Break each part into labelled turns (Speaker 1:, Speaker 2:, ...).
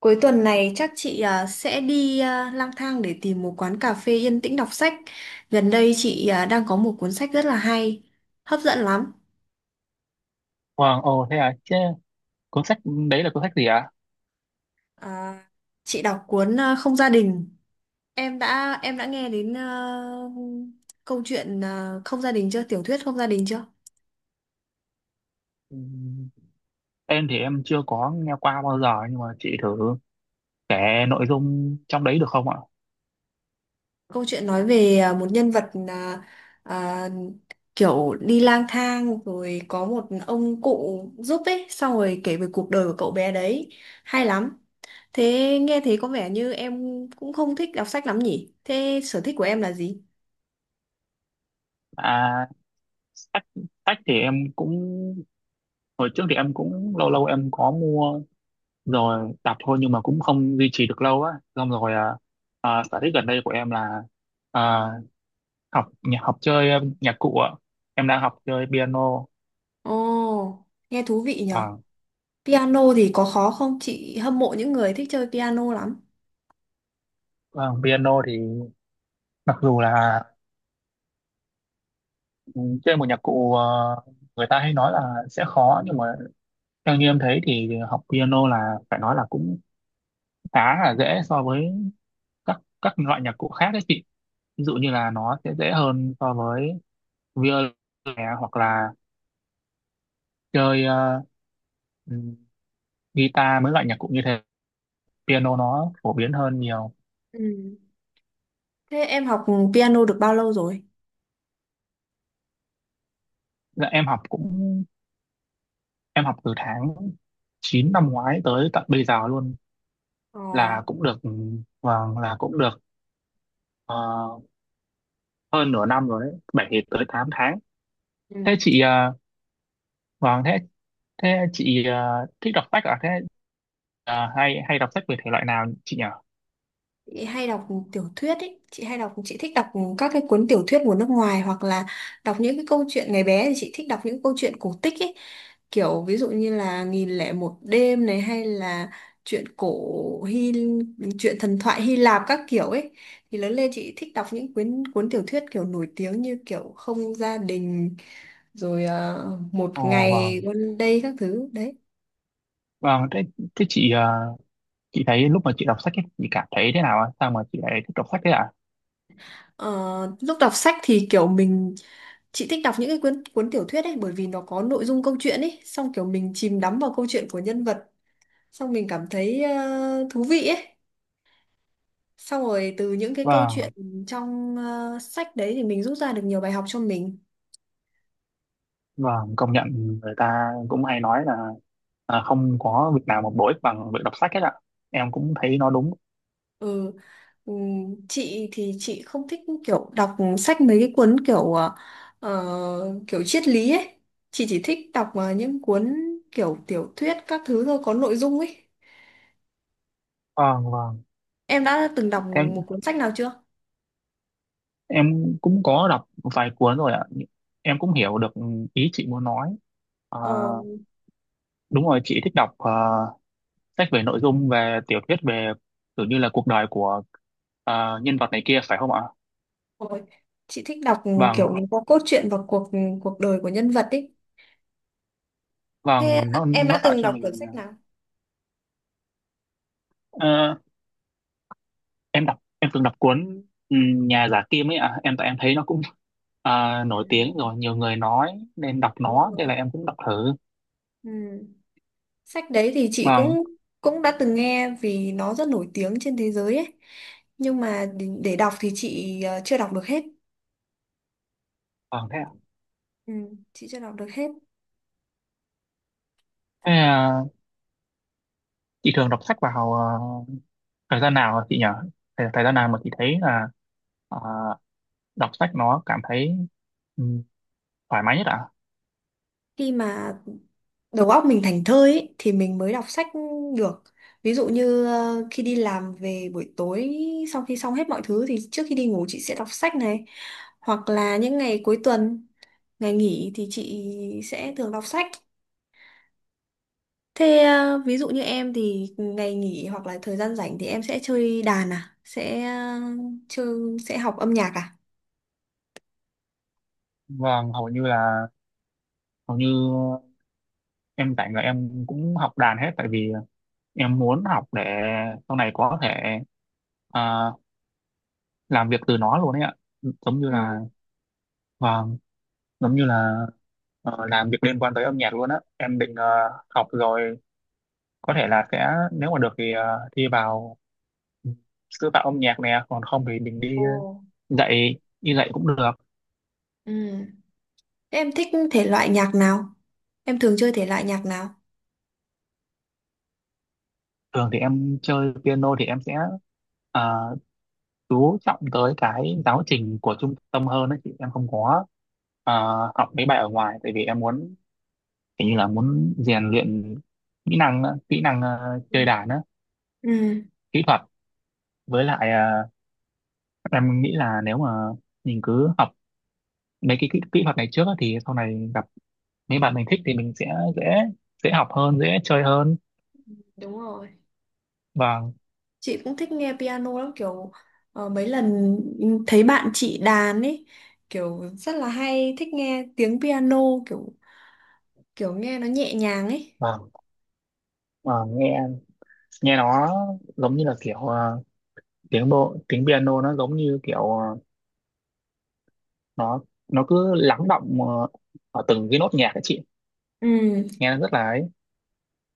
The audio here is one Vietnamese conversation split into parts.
Speaker 1: Cuối tuần này chắc chị sẽ đi lang thang để tìm một quán cà phê yên tĩnh đọc sách. Gần đây chị đang có một cuốn sách rất là hay, hấp dẫn lắm.
Speaker 2: Wow, ồ thế à, chứ cuốn sách đấy là cuốn sách gì ạ?
Speaker 1: À, chị đọc cuốn Không gia đình. Em đã nghe đến câu chuyện Không gia đình chưa? Tiểu thuyết Không gia đình chưa?
Speaker 2: Ừm, Em thì em chưa có nghe qua bao giờ nhưng mà chị thử kể nội dung trong đấy được không ạ?
Speaker 1: Câu chuyện nói về một nhân vật à, kiểu đi lang thang rồi có một ông cụ giúp ấy, xong rồi kể về cuộc đời của cậu bé đấy. Hay lắm. Thế nghe thế có vẻ như em cũng không thích đọc sách lắm nhỉ? Thế sở thích của em là gì?
Speaker 2: À, sách, sách thì em cũng, hồi trước thì em cũng lâu lâu em có mua rồi đọc thôi, nhưng mà cũng không duy trì được lâu á. Xong rồi, sở thích gần đây của em là, à, học nhạc, học chơi nhạc cụ ạ. Em đang học chơi piano.
Speaker 1: Ồ, nghe thú vị nhở.
Speaker 2: À,
Speaker 1: Piano thì có khó không? Chị hâm mộ những người thích chơi piano lắm.
Speaker 2: vâng, piano thì mặc dù là, Ừ, chơi một nhạc cụ, người ta hay nói là sẽ khó, nhưng mà theo như em thấy thì học piano là phải nói là cũng khá là dễ so với các loại nhạc cụ khác đấy chị, ví dụ như là nó sẽ dễ hơn so với violin nè, hoặc là chơi, ừm, guitar, mấy loại nhạc cụ như thế, piano nó phổ biến hơn nhiều.
Speaker 1: Ừ. Thế em học piano được bao lâu rồi?
Speaker 2: Dạ, em học cũng em học từ tháng 9 năm ngoái tới tận bây giờ luôn,
Speaker 1: Ồ,
Speaker 2: là cũng được, vâng là cũng được, ờ, hơn nửa năm rồi đấy, 7 tới 8 tháng. Thế
Speaker 1: ừ.
Speaker 2: chị, vâng, thế thế chị, thích đọc sách à, thế, hay hay đọc sách về thể loại nào chị nhỉ?
Speaker 1: Chị hay đọc tiểu thuyết ấy, chị thích đọc các cái cuốn tiểu thuyết của nước ngoài hoặc là đọc những cái câu chuyện ngày bé thì chị thích đọc những câu chuyện cổ tích ấy, kiểu ví dụ như là nghìn lẻ một đêm này hay là chuyện cổ Hy chuyện thần thoại Hy Lạp các kiểu ấy. Thì lớn lên chị thích đọc những cuốn cuốn tiểu thuyết kiểu nổi tiếng như kiểu Không gia đình rồi một
Speaker 2: Ồ
Speaker 1: ngày
Speaker 2: vâng,
Speaker 1: One Day các thứ đấy.
Speaker 2: vâng, thế thế chị, chị thấy lúc mà chị đọc sách ấy, chị cảm thấy thế nào ạ? Sao mà chị lại thích đọc sách thế ạ?
Speaker 1: Ờ, Lúc đọc sách thì kiểu mình chị thích đọc những cái cuốn cuốn tiểu thuyết ấy bởi vì nó có nội dung câu chuyện ấy, xong kiểu mình chìm đắm vào câu chuyện của nhân vật, xong mình cảm thấy thú vị ấy, xong rồi từ những cái câu chuyện
Speaker 2: Vâng,
Speaker 1: trong sách đấy thì mình rút ra được nhiều bài học cho mình.
Speaker 2: vâng, công nhận, người ta cũng hay nói là, không có việc nào mà bổ ích bằng việc đọc sách hết ạ, em cũng thấy nó đúng.
Speaker 1: ừ chị thì chị không thích kiểu đọc sách mấy cái cuốn kiểu kiểu triết lý ấy, chị chỉ thích đọc những cuốn kiểu tiểu thuyết các thứ thôi có nội dung ấy.
Speaker 2: Vâng, vâng,
Speaker 1: Em đã từng đọc
Speaker 2: thế
Speaker 1: một cuốn sách nào chưa?
Speaker 2: em cũng có đọc vài cuốn rồi ạ, em cũng hiểu được ý chị muốn nói. À,
Speaker 1: Ờ.
Speaker 2: đúng rồi, chị thích đọc, sách về nội dung, về tiểu thuyết, về kiểu như là cuộc đời của, nhân vật này kia phải không ạ?
Speaker 1: Ôi, chị thích đọc
Speaker 2: Vâng,
Speaker 1: kiểu nó có cốt truyện và cuộc cuộc đời của nhân vật ấy. Thế
Speaker 2: vâng, nó
Speaker 1: em
Speaker 2: nó
Speaker 1: đã
Speaker 2: tạo
Speaker 1: từng
Speaker 2: cho
Speaker 1: đọc cuốn
Speaker 2: mình,
Speaker 1: sách nào?
Speaker 2: ờ, em đọc em từng đọc cuốn, Nhà giả Kim ấy ạ. Em tại em thấy nó cũng,
Speaker 1: À,
Speaker 2: nổi tiếng rồi, nhiều người nói nên đọc
Speaker 1: đúng
Speaker 2: nó, thế
Speaker 1: rồi.
Speaker 2: là em cũng đọc thử.
Speaker 1: Ừ. Sách đấy thì chị
Speaker 2: Vâng,
Speaker 1: cũng cũng đã từng nghe vì nó rất nổi tiếng trên thế giới ấy. Nhưng mà để đọc thì chị chưa đọc được hết.
Speaker 2: vâng thế ạ.
Speaker 1: Ừ, chị chưa đọc được hết.
Speaker 2: Thế à, chị thường đọc sách vào, thời gian nào hả chị nhỉ? Thời gian nào mà chị thấy là, ờ, đọc sách nó cảm thấy, ừ, thoải mái nhất ạ?
Speaker 1: Khi mà đầu óc mình thảnh thơi ấy, thì mình mới đọc sách được. Ví dụ như khi đi làm về buổi tối, sau khi xong hết mọi thứ thì trước khi đi ngủ chị sẽ đọc sách này, hoặc là những ngày cuối tuần, ngày nghỉ thì chị sẽ thường đọc sách. Thế ví dụ như em thì ngày nghỉ hoặc là thời gian rảnh thì em sẽ chơi đàn à, sẽ chơi, sẽ học âm nhạc à?
Speaker 2: Vâng, hầu như em, tại người em cũng học đàn hết, tại vì em muốn học để sau này có thể, à, làm việc từ nó luôn ấy ạ, giống như
Speaker 1: Ừ.
Speaker 2: là, vâng, giống như là, làm việc liên quan tới âm nhạc luôn á. Em định, học rồi có thể là sẽ, nếu mà được thì, thi vào, ừ, sư phạm âm nhạc nè, còn không thì mình đi
Speaker 1: Ồ.
Speaker 2: dạy, cũng được.
Speaker 1: Ừ. Thế em thích thể loại nhạc nào, em thường chơi thể loại nhạc nào?
Speaker 2: Thường thì em chơi piano thì em sẽ, ờ, chú trọng tới cái giáo trình của trung tâm hơn đấy chị, em không có, ờ, học mấy bài ở ngoài, tại vì em muốn, kiểu như là muốn rèn luyện kỹ năng á, kỹ năng,
Speaker 1: Ừ.
Speaker 2: chơi đàn á,
Speaker 1: Ừ.
Speaker 2: kỹ thuật. Với lại, em nghĩ là nếu mà mình cứ học mấy cái, kỹ thuật này trước á, thì sau này gặp mấy bạn mình thích thì mình sẽ dễ, học hơn, dễ chơi hơn.
Speaker 1: Đúng rồi.
Speaker 2: Và,
Speaker 1: Chị cũng thích nghe piano lắm, kiểu mấy lần thấy bạn chị đàn ấy, kiểu rất là hay, thích nghe tiếng piano, kiểu kiểu nghe nó nhẹ nhàng ấy.
Speaker 2: và, và nghe, nó giống như là kiểu, tiếng bộ, tiếng piano nó giống như kiểu, nó nó cứ lắng đọng, ở từng cái nốt nhạc ấy chị,
Speaker 1: Ừ,
Speaker 2: nghe nó rất là ấy.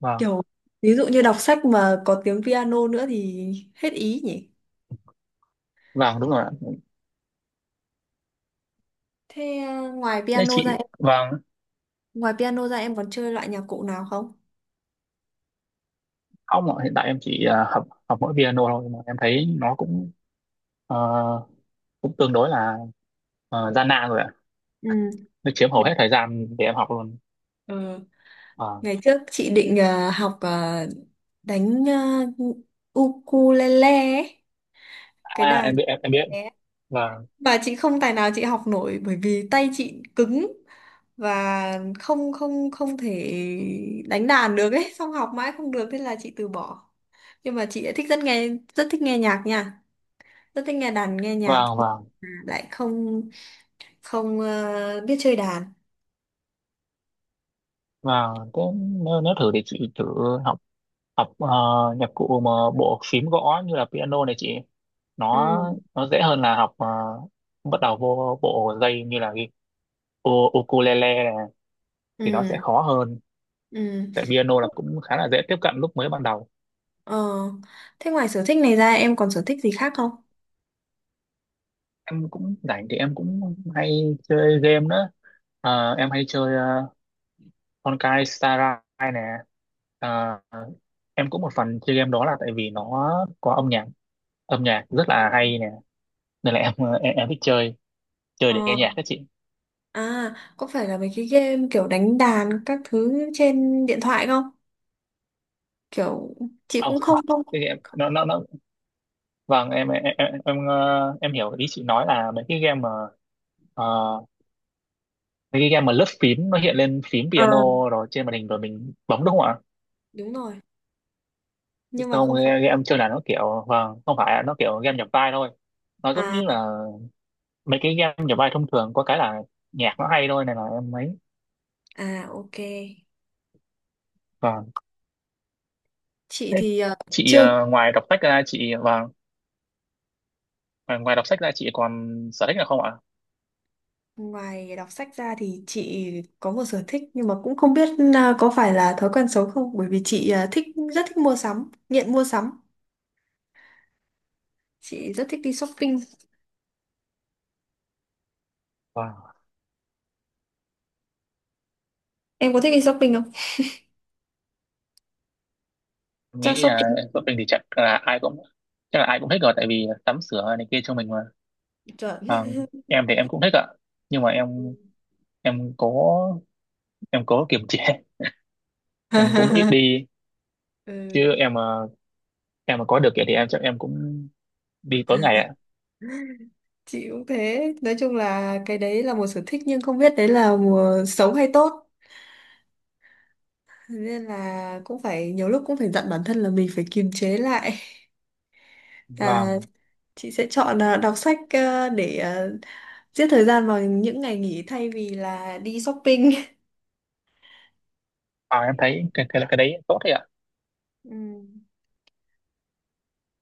Speaker 2: Vâng,
Speaker 1: kiểu ví dụ như đọc sách mà có tiếng piano nữa thì hết ý nhỉ.
Speaker 2: vâng đúng rồi ạ.
Speaker 1: Thế ngoài
Speaker 2: Thế
Speaker 1: piano
Speaker 2: chị...
Speaker 1: ra em,
Speaker 2: Vâng,
Speaker 1: ngoài piano ra em còn chơi loại nhạc cụ nào không?
Speaker 2: ông ạ, hiện tại em chỉ, học học mỗi piano thôi, mà em thấy nó cũng, ờ, cũng tương đối là, gian nan rồi ạ,
Speaker 1: Ừ.
Speaker 2: nó chiếm hầu hết thời gian để em học luôn.
Speaker 1: Ờ,
Speaker 2: Vâng,
Speaker 1: ngày trước chị định học đánh ukulele ấy, cái
Speaker 2: à em
Speaker 1: đàn
Speaker 2: biết, em biết,
Speaker 1: bé
Speaker 2: vâng,
Speaker 1: mà chị không tài nào chị học nổi, bởi vì tay chị cứng và không không không thể đánh đàn được ấy, xong học mãi không được, thế là chị từ bỏ. Nhưng mà chị lại thích rất nghe, rất thích nghe nhạc nha, rất thích nghe đàn nghe nhạc.
Speaker 2: vâng,
Speaker 1: Mà
Speaker 2: vâng,
Speaker 1: lại không không ờ, biết chơi đàn.
Speaker 2: vâng, thế nếu thử thì chị thử học, học ờ, nhạc cụ mà bộ phím gõ như là piano này chị,
Speaker 1: Ừ.
Speaker 2: nó nó dễ hơn là học, bắt đầu vô bộ dây như là ukulele này thì nó sẽ
Speaker 1: Ừ.
Speaker 2: khó hơn,
Speaker 1: Ừ.
Speaker 2: tại piano là cũng khá là dễ tiếp cận lúc mới ban đầu.
Speaker 1: Ờ, thế ngoài sở thích này ra em còn sở thích gì khác không?
Speaker 2: Em cũng rảnh thì em cũng hay chơi game nữa. Em hay chơi, uh, Honkai Star Rail nè. Ờ, em cũng một phần chơi game đó là tại vì nó có âm nhạc, âm nhạc rất là hay nè, nên là em, em thích chơi, để nghe nhạc
Speaker 1: Ờ,
Speaker 2: các chị.
Speaker 1: à có phải là mấy cái game kiểu đánh đàn các thứ trên điện thoại không, kiểu chị
Speaker 2: Không,
Speaker 1: cũng không không.
Speaker 2: cái game nó, vâng, em hiểu ý chị nói là mấy cái game mà, ờ, lướt phím nó hiện lên phím
Speaker 1: Ờ,
Speaker 2: piano rồi trên màn hình rồi mình bấm đúng không ạ?
Speaker 1: đúng rồi, nhưng mà
Speaker 2: Không,
Speaker 1: không phải.
Speaker 2: game game chơi là nó kiểu, vâng, không phải ạ, nó kiểu game nhập vai thôi, nó giống
Speaker 1: À.
Speaker 2: như là mấy cái game nhập vai thông thường, có cái là nhạc nó hay thôi nên là em ấy.
Speaker 1: À, ok.
Speaker 2: Vâng.
Speaker 1: Chị
Speaker 2: Thế
Speaker 1: thì
Speaker 2: chị,
Speaker 1: chưa,
Speaker 2: ngoài đọc sách ra chị... vâng, ngoài ngoài đọc sách ra chị còn sở thích nào không ạ?
Speaker 1: ngoài đọc sách ra thì chị có một sở thích, nhưng mà cũng không biết có phải là thói quen xấu không, bởi vì chị thích, rất thích mua sắm, nghiện mua sắm, chị rất thích đi shopping.
Speaker 2: Vâng,
Speaker 1: Em có thích đi shopping không?
Speaker 2: em
Speaker 1: Chắc
Speaker 2: nghĩ là
Speaker 1: shopping
Speaker 2: vợ mình thì, chắc là ai cũng thích rồi, tại vì tắm sửa này kia cho mình mà.
Speaker 1: chuẩn.
Speaker 2: Vâng, em thì em cũng thích ạ, nhưng mà em cố em cố kiềm chế, em cũng ít đi,
Speaker 1: Ừ.
Speaker 2: chứ em mà có được vậy thì em chắc em cũng đi tối ngày ạ.
Speaker 1: Chị cũng thế, nói chung là cái đấy là một sở thích, nhưng không biết đấy là một xấu hay tốt. Thế nên là cũng phải, nhiều lúc cũng phải dặn bản thân là mình phải kiềm chế lại. à,
Speaker 2: vào
Speaker 1: chị sẽ chọn đọc sách để giết thời gian vào những ngày nghỉ thay vì là đi shopping.
Speaker 2: vào em thấy cái đấy tốt đấy ạ.
Speaker 1: Ừ.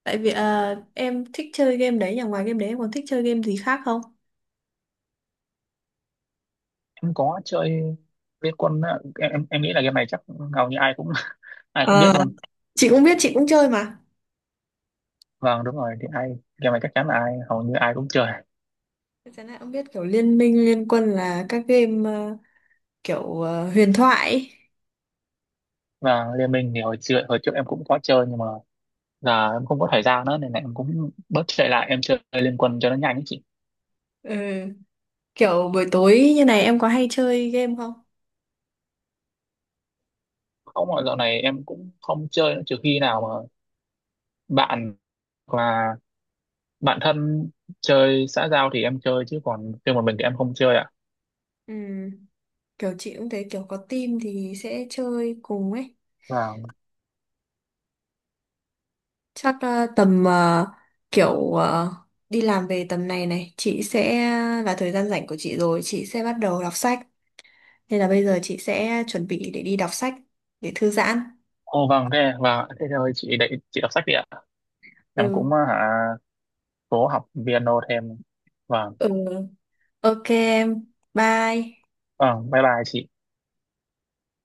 Speaker 1: Tại vì em thích chơi game đấy nhà, ngoài game đấy em còn thích chơi game gì khác không?
Speaker 2: Em có chơi Liên Quân á, em nghĩ là game này chắc hầu như ai cũng ai cũng
Speaker 1: Ờ,
Speaker 2: biết luôn.
Speaker 1: chị cũng biết, chị cũng chơi mà.
Speaker 2: Vâng đúng rồi, thì ai, game này chắc chắn là ai, hầu như ai cũng chơi.
Speaker 1: Chắc chắn là em biết kiểu liên minh liên quân là các game kiểu huyền thoại ấy.
Speaker 2: Và Liên Minh thì hồi trước em cũng có chơi, nhưng mà giờ em không có thời gian nữa, nên là em cũng bớt chạy lại, em chơi Liên Quân cho nó nhanh ấy chị.
Speaker 1: Ừ. Kiểu buổi tối như này em có hay chơi game không?
Speaker 2: Không, mà dạo này em cũng không chơi nữa, trừ khi nào mà bạn, và bạn thân chơi xã giao thì em chơi, chứ còn riêng một mình thì em không chơi ạ.
Speaker 1: Ừ, kiểu chị cũng thấy kiểu có team thì sẽ chơi cùng ấy.
Speaker 2: Và,
Speaker 1: Chắc ờ, tầm ờ, kiểu ờ, đi làm về tầm này này chị sẽ là thời gian rảnh của chị rồi, chị sẽ bắt đầu đọc sách, nên là bây giờ chị sẽ chuẩn bị để đi đọc sách để thư giãn.
Speaker 2: ô vâng, thế, và thế thôi, chị đợi, chị đọc sách đi ạ, em cũng,
Speaker 1: Ừ.
Speaker 2: hả, cố học piano thêm. Vâng,
Speaker 1: Ừ, ok em, bye
Speaker 2: vâng, bye bye chị.